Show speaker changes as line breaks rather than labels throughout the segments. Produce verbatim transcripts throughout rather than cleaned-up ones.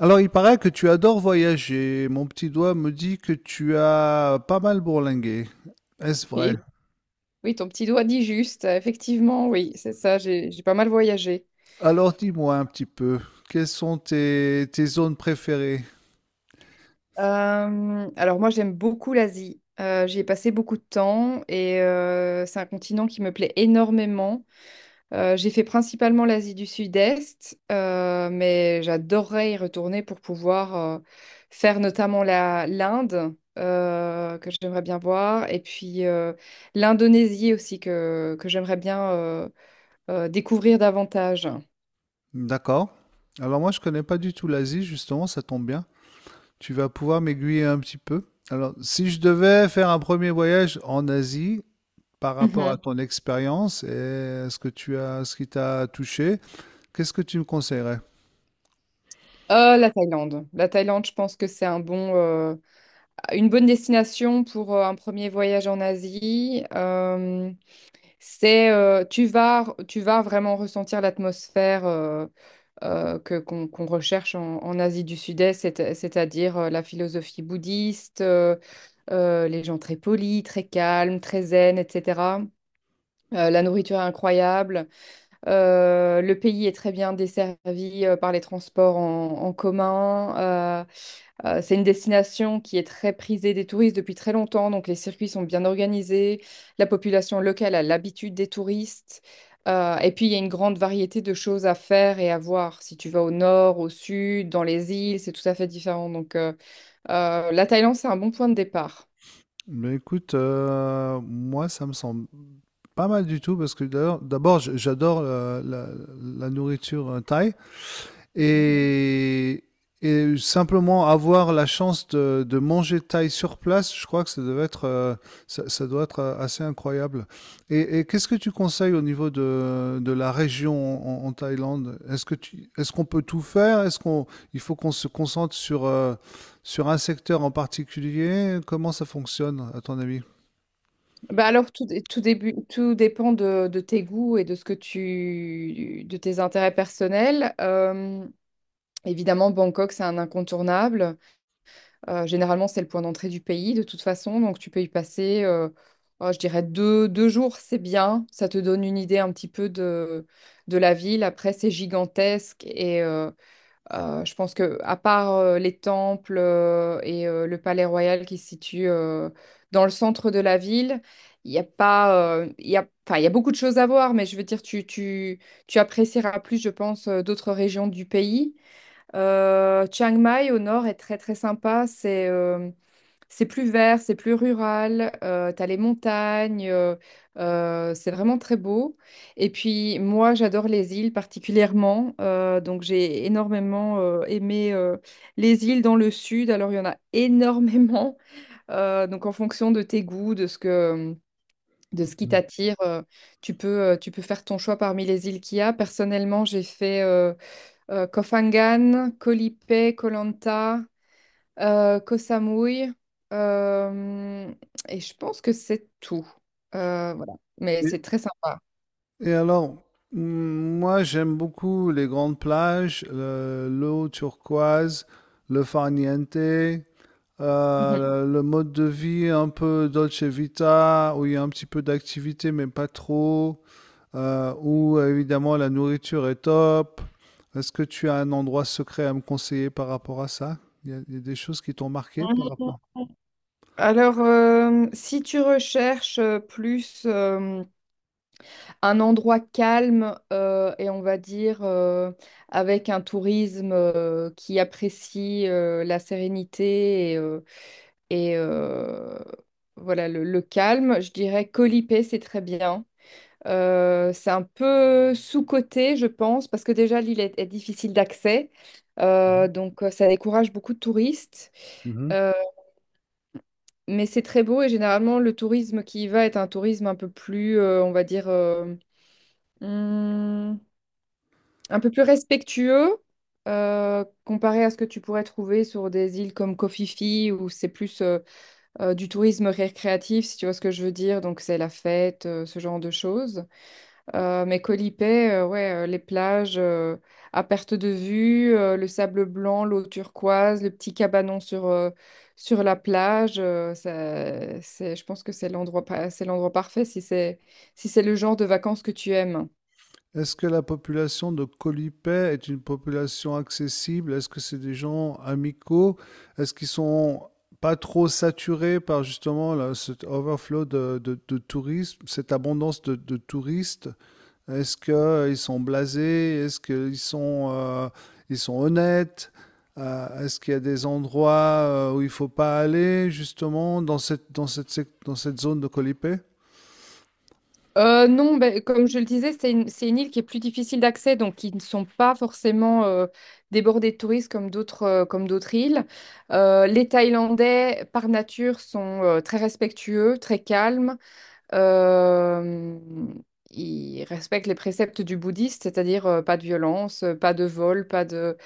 Alors, il paraît que tu adores voyager. Mon petit doigt me dit que tu as pas mal bourlingué. Est-ce vrai?
Et oui, ton petit doigt dit juste, euh, effectivement, oui, c'est ça, j'ai j'ai pas mal voyagé.
Alors, dis-moi un petit peu, quelles sont tes, tes zones préférées?
Euh, alors moi, j'aime beaucoup l'Asie. Euh, j'y ai passé beaucoup de temps et euh, c'est un continent qui me plaît énormément. Euh, j'ai fait principalement l'Asie du Sud-Est, euh, mais j'adorerais y retourner pour pouvoir euh, faire notamment la, l'Inde, euh, que j'aimerais bien voir, et puis euh, l'Indonésie aussi, que, que j'aimerais bien euh, euh, découvrir davantage.
D'accord. Alors, moi, je connais pas du tout l'Asie, justement, ça tombe bien. Tu vas pouvoir m'aiguiller un petit peu. Alors, si je devais faire un premier voyage en Asie, par rapport
Mhm.
à ton expérience et ce que tu as, ce qui t'a touché, qu'est-ce que tu me conseillerais?
Euh, la Thaïlande. La Thaïlande, je pense que c'est un bon, euh, une bonne destination pour euh, un premier voyage en Asie. Euh, c'est, euh, tu vas, tu vas vraiment ressentir l'atmosphère euh, euh, que qu'on qu'on recherche en, en Asie du Sud-Est, c'est- c'est-à-dire euh, la philosophie bouddhiste, euh, euh, les gens très polis, très calmes, très zen, et cetera. Euh, la nourriture est incroyable. Euh, le pays est très bien desservi euh, par les transports en, en commun. Euh, euh, c'est une destination qui est très prisée des touristes depuis très longtemps, donc les circuits sont bien organisés. La population locale a l'habitude des touristes. Euh, et puis, il y a une grande variété de choses à faire et à voir. Si tu vas au nord, au sud, dans les îles, c'est tout à fait différent. Donc, euh, euh, la Thaïlande, c'est un bon point de départ.
Ben écoute, euh, moi, ça me semble pas mal du tout, parce que d'ailleurs- d'abord, j- j'adore euh, la, la nourriture euh, thaï. Et, et simplement avoir la chance de, de manger thaï sur place, je crois que ça devait être, euh, ça, ça doit être euh, assez incroyable. Et, et qu'est-ce que tu conseilles au niveau de, de la région en, en Thaïlande? Est-ce que tu, est-ce qu'on peut tout faire? Est-ce qu'on, il faut qu'on se concentre sur, euh, sur un secteur en particulier? Comment ça fonctionne, à ton avis?
Bah alors, tout, dé- tout, début, tout dépend de, de tes goûts et de ce que tu, de tes intérêts personnels. Euh, évidemment, Bangkok, c'est un incontournable. Euh, généralement, c'est le point d'entrée du pays, de toute façon. Donc, tu peux y passer, euh, oh, je dirais, deux, deux jours, c'est bien. Ça te donne une idée un petit peu de, de la ville. Après, c'est gigantesque et euh, euh, je pense que, à part euh, les temples euh, et euh, le palais royal qui se situe euh, dans le centre de la ville, il y a pas, euh, il y a, enfin, il y a beaucoup de choses à voir, mais je veux dire, tu, tu, tu apprécieras plus, je pense, euh, d'autres régions du pays. Euh, Chiang Mai au nord est très très sympa. C'est euh, c'est plus vert, c'est plus rural, euh, t'as les montagnes, euh, euh, c'est vraiment très beau. Et puis moi, j'adore les îles particulièrement, euh, donc j'ai énormément euh, aimé euh, les îles dans le sud. Alors il y en a énormément. Euh, donc en fonction de tes goûts, de ce que, de ce qui
Mhm.
t'attire, euh, tu peux, euh, tu peux faire ton choix parmi les îles qu'il y a. Personnellement, j'ai fait euh, euh, Koh Phangan, Koh Lipe, Koh Lanta euh, Koh Samui, euh, et je pense que c'est tout. Euh, voilà. Mais
Et-
c'est très sympa.
Et alors, mm, moi j'aime beaucoup les grandes plages, le- l'eau turquoise, le farniente, euh,
Mhm.
le le mode de vie un peu dolce vita, où il y a un petit peu d'activité mais pas trop, euh, où évidemment la nourriture est top. Est-ce que tu as un endroit secret à me conseiller par rapport à ça? Il y a, il y a des choses qui t'ont marqué par rapport.
Alors, euh, si tu recherches euh, plus euh, un endroit calme euh, et on va dire euh, avec un tourisme euh, qui apprécie euh, la sérénité et, euh, et, euh, voilà le, le calme, je dirais Koh Lipet, c'est très bien. Euh, c'est un peu sous-coté, je pense, parce que déjà l'île est, est difficile d'accès. Euh, donc euh, ça décourage beaucoup de touristes.
Mhm.
Euh, mais c'est très beau et généralement le tourisme qui y va est un tourisme un peu plus, euh, on va dire, euh, hum, un peu plus respectueux euh, comparé à ce que tu pourrais trouver sur des îles comme Koh Phi où c'est plus euh, euh, du tourisme récréatif, si tu vois ce que je veux dire. Donc c'est la fête, euh, ce genre de choses. Euh, mais Colipay, euh, ouais, euh, les plages euh, à perte de vue, euh, le sable blanc, l'eau turquoise, le petit cabanon sur, euh, sur la plage, euh, ça, c'est, je pense que c'est l'endroit, pa- c'est l'endroit parfait si c'est, si c'est le genre de vacances que tu aimes.
Est-ce que la population de Colipay est une population accessible? Est-ce que c'est des gens amicaux? Est-ce qu'ils sont pas trop saturés par justement là, cet overflow de, de, de tourisme, cette abondance de, de touristes? Est-ce qu'ils sont blasés? Est-ce qu'ils sont, euh, ils sont honnêtes? Euh, est-ce qu'il y a des endroits euh, où il ne faut pas aller justement dans cette, dans cette, dans cette zone de Colipay?
Euh, non, ben, comme je le disais, c'est une, c'est une île qui est plus difficile d'accès, donc qui ne sont pas forcément euh, débordées de touristes comme d'autres euh, comme d'autres îles. Euh, les Thaïlandais, par nature, sont euh, très respectueux, très calmes. Euh, il respecte les préceptes du bouddhiste, c'est-à-dire euh, pas de violence, euh, pas de vol, pas de,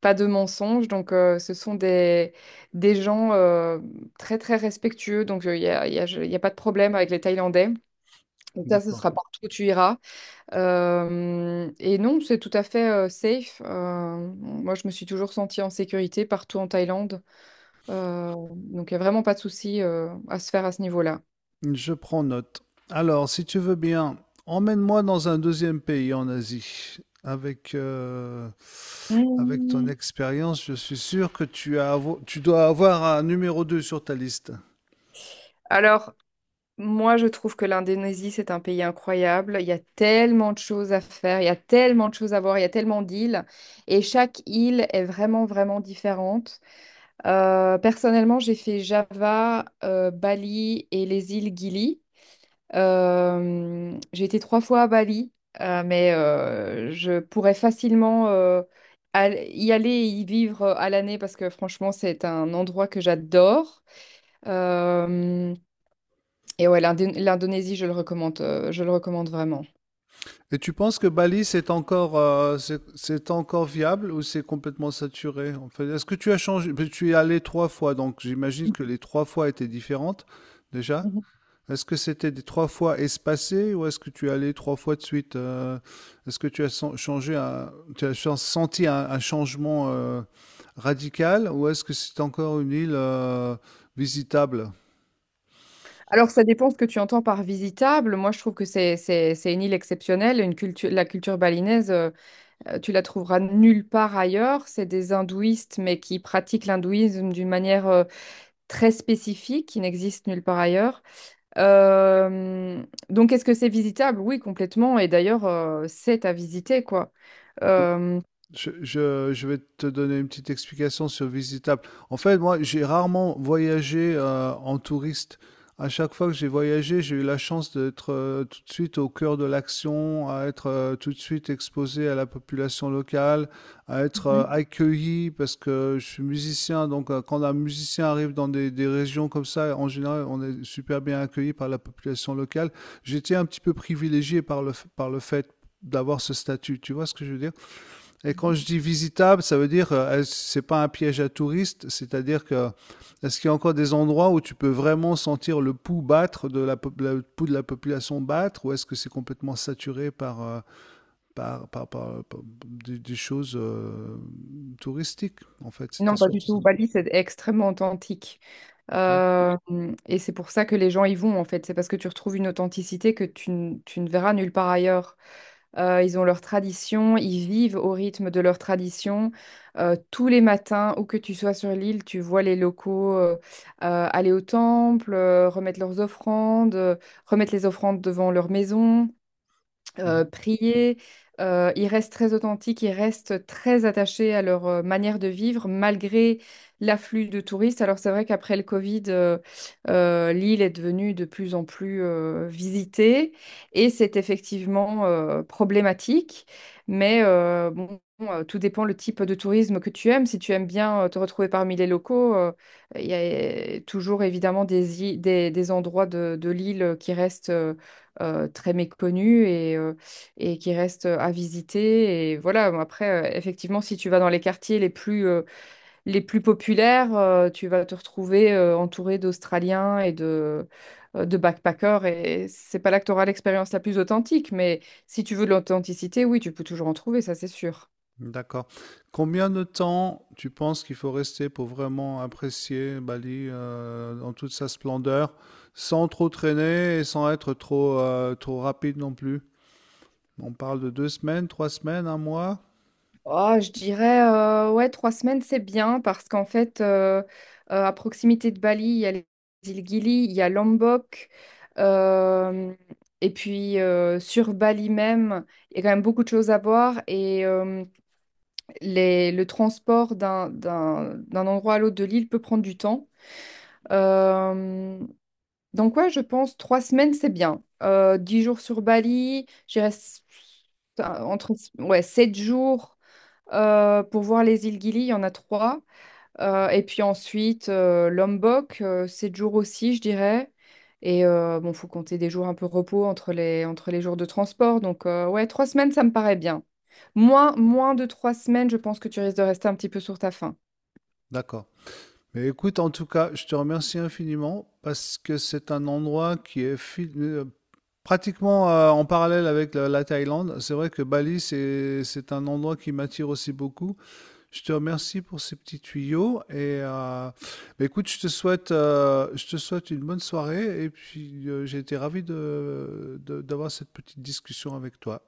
pas de mensonge. Donc, euh, ce sont des, des gens euh, très, très respectueux. Donc, il n'y a, y a- y a pas de problème avec les Thaïlandais. Donc ça, ce
D'accord.
sera partout où tu iras. Euh, et non, c'est tout à fait euh, safe. Euh, moi, je me suis toujours sentie en sécurité partout en Thaïlande. Euh, donc, il n'y a vraiment pas de souci euh, à se faire à ce niveau-là.
Je prends note. Alors, si tu veux bien, emmène-moi dans un deuxième pays en Asie. Avec, euh, avec ton
Mmh.
expérience, je suis sûr que tu as avo- tu dois avoir un numéro deux sur ta liste.
Alors, moi, je trouve que l'Indonésie, c'est un pays incroyable. Il y a tellement de choses à faire, il y a tellement de choses à voir, il y a tellement d'îles. Et chaque île est vraiment, vraiment différente. Euh, personnellement, j'ai fait Java, euh, Bali et les îles Gili. Euh, j'ai été trois fois à Bali, euh, mais euh, je pourrais facilement euh, al- y aller et y vivre euh, à l'année parce que franchement, c'est un endroit que j'adore. Euh, et ouais, l'Indé- l'Indonésie, je le recommande, euh, je le recommande vraiment.
Et tu penses que Bali, c'est encore, euh, c'est c'est encore viable ou c'est complètement saturé? En fait, est-ce que tu as changé? Parce que tu y es allé trois fois, donc j'imagine que les trois fois étaient différentes déjà.
Mhm.
Est-ce que c'était des trois fois espacé ou est-ce que tu allais trois fois de suite euh, est-ce que tu as sen- changé un- tu as ch- senti un, un changement euh, radical ou est-ce que c'est encore une île euh, visitable?
Alors, ça dépend ce que tu entends par visitable. Moi, je trouve que c'est c'est- c'est une île exceptionnelle. Une culture, la culture balinaise, euh, euh, tu la trouveras nulle part ailleurs. C'est des hindouistes, mais qui pratiquent l'hindouisme d'une manière euh, très spécifique, qui n'existe nulle part ailleurs. Euh, donc, est-ce que c'est visitable? Oui, complètement. Et d'ailleurs, euh, c'est à visiter, quoi. Euh,
Je, je- je vais te donner une petite explication sur visitable. En fait, moi, j'ai rarement voyagé euh, en touriste. À chaque fois que j'ai voyagé, j'ai eu la chance d'être euh, tout de suite au cœur de l'action, à être euh, tout de suite exposé à la population locale, à être euh,
Mhm.
accueilli parce que je suis musicien. Donc, euh, quand un musicien arrive dans des, des régions comme ça, en général, on est super bien accueilli par la population locale. J'étais un petit peu privilégié par le, f- par le fait d'avoir ce statut. Tu vois ce que je veux dire? Et quand je dis visitable, ça veut dire euh, c'est pas un piège à touristes, c'est-à-dire que est-ce qu'il y a encore des endroits où tu peux vraiment sentir le pouls battre de la, pop- la- le pouls de la population battre, ou est-ce que c'est complètement saturé par euh, par, par- par- par- des, des choses euh, touristiques en fait, c'était
Non, pas du
surtout ça.
tout. Bali, c'est extrêmement authentique.
Ok.
Euh, et c'est pour ça que les gens y vont, en fait. C'est parce que tu retrouves une authenticité que tu, ne tu ne verras nulle part ailleurs. Euh, ils ont leur tradition, ils vivent au rythme de leur tradition. Euh, tous les matins, où que tu sois sur l'île, tu vois les locaux euh, euh, aller au temple, euh, remettre leurs offrandes, euh, remettre les offrandes devant leur maison, euh, prier. Euh, ils restent très authentiques, ils restent très attachés à leur euh, manière de vivre malgré l'afflux de touristes. Alors c'est vrai qu'après le Covid, euh, euh, l'île est devenue de plus en plus euh, visitée et c'est effectivement euh, problématique. Mais euh, bon, euh, tout dépend le type de tourisme que tu aimes. Si tu aimes bien euh, te retrouver parmi les locaux, euh, il y a euh, toujours évidemment des, i- des, des endroits de, de l'île qui restent euh, euh, très méconnue et, euh, et qui reste à visiter. Et voilà, bon, après, euh, effectivement, si tu vas dans les quartiers les plus, euh, les plus populaires, euh, tu vas te retrouver euh, entouré d'Australiens et de, euh, de backpackers. Et c'est pas là que tu auras l'expérience la plus authentique, mais si tu veux de l'authenticité, oui, tu peux toujours en trouver, ça c'est sûr.
D'accord. Combien de temps tu penses qu'il faut rester pour vraiment apprécier Bali euh, dans toute sa splendeur, sans trop traîner et sans être trop, euh, trop rapide non plus? On parle de deux semaines, trois semaines, un mois?
Oh, je dirais, euh, ouais, trois semaines, c'est bien parce qu'en fait, euh, euh, à proximité de Bali, il y a les îles Gili, il y a Lombok. euh, et puis, euh, sur Bali même, il y a quand même beaucoup de choses à voir. Et euh, les- le transport d'un, d'un, d'un endroit à l'autre de l'île peut prendre du temps. Euh, donc, ouais, je pense trois semaines, c'est bien. Euh, dix jours sur Bali, je dirais s- entre ouais, sept jours. Euh, pour voir les îles Gili, il y en a trois. Euh, et puis ensuite, euh, Lombok, euh, sept jours aussi, je dirais. Et euh, bon, faut compter des jours un peu repos entre les, entre les jours de transport. Donc, euh, ouais, trois semaines, ça me paraît bien. Moins, moins de trois semaines, je pense que tu risques de rester un petit peu sur ta faim.
D'accord. Mais écoute, en tout cas, je te remercie infiniment parce que c'est un endroit qui est fi- euh, pratiquement euh, en parallèle avec la, la Thaïlande. C'est vrai que Bali, c'est, c'est un endroit qui m'attire aussi beaucoup. Je te remercie pour ces petits tuyaux et euh, bah, écoute, je te souhaite, euh, je te souhaite une bonne soirée et puis euh, j'ai été ravi de, de- d'avoir cette petite discussion avec toi.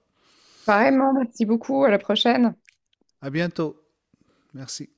Vraiment, merci beaucoup. À la prochaine.
À bientôt. Merci.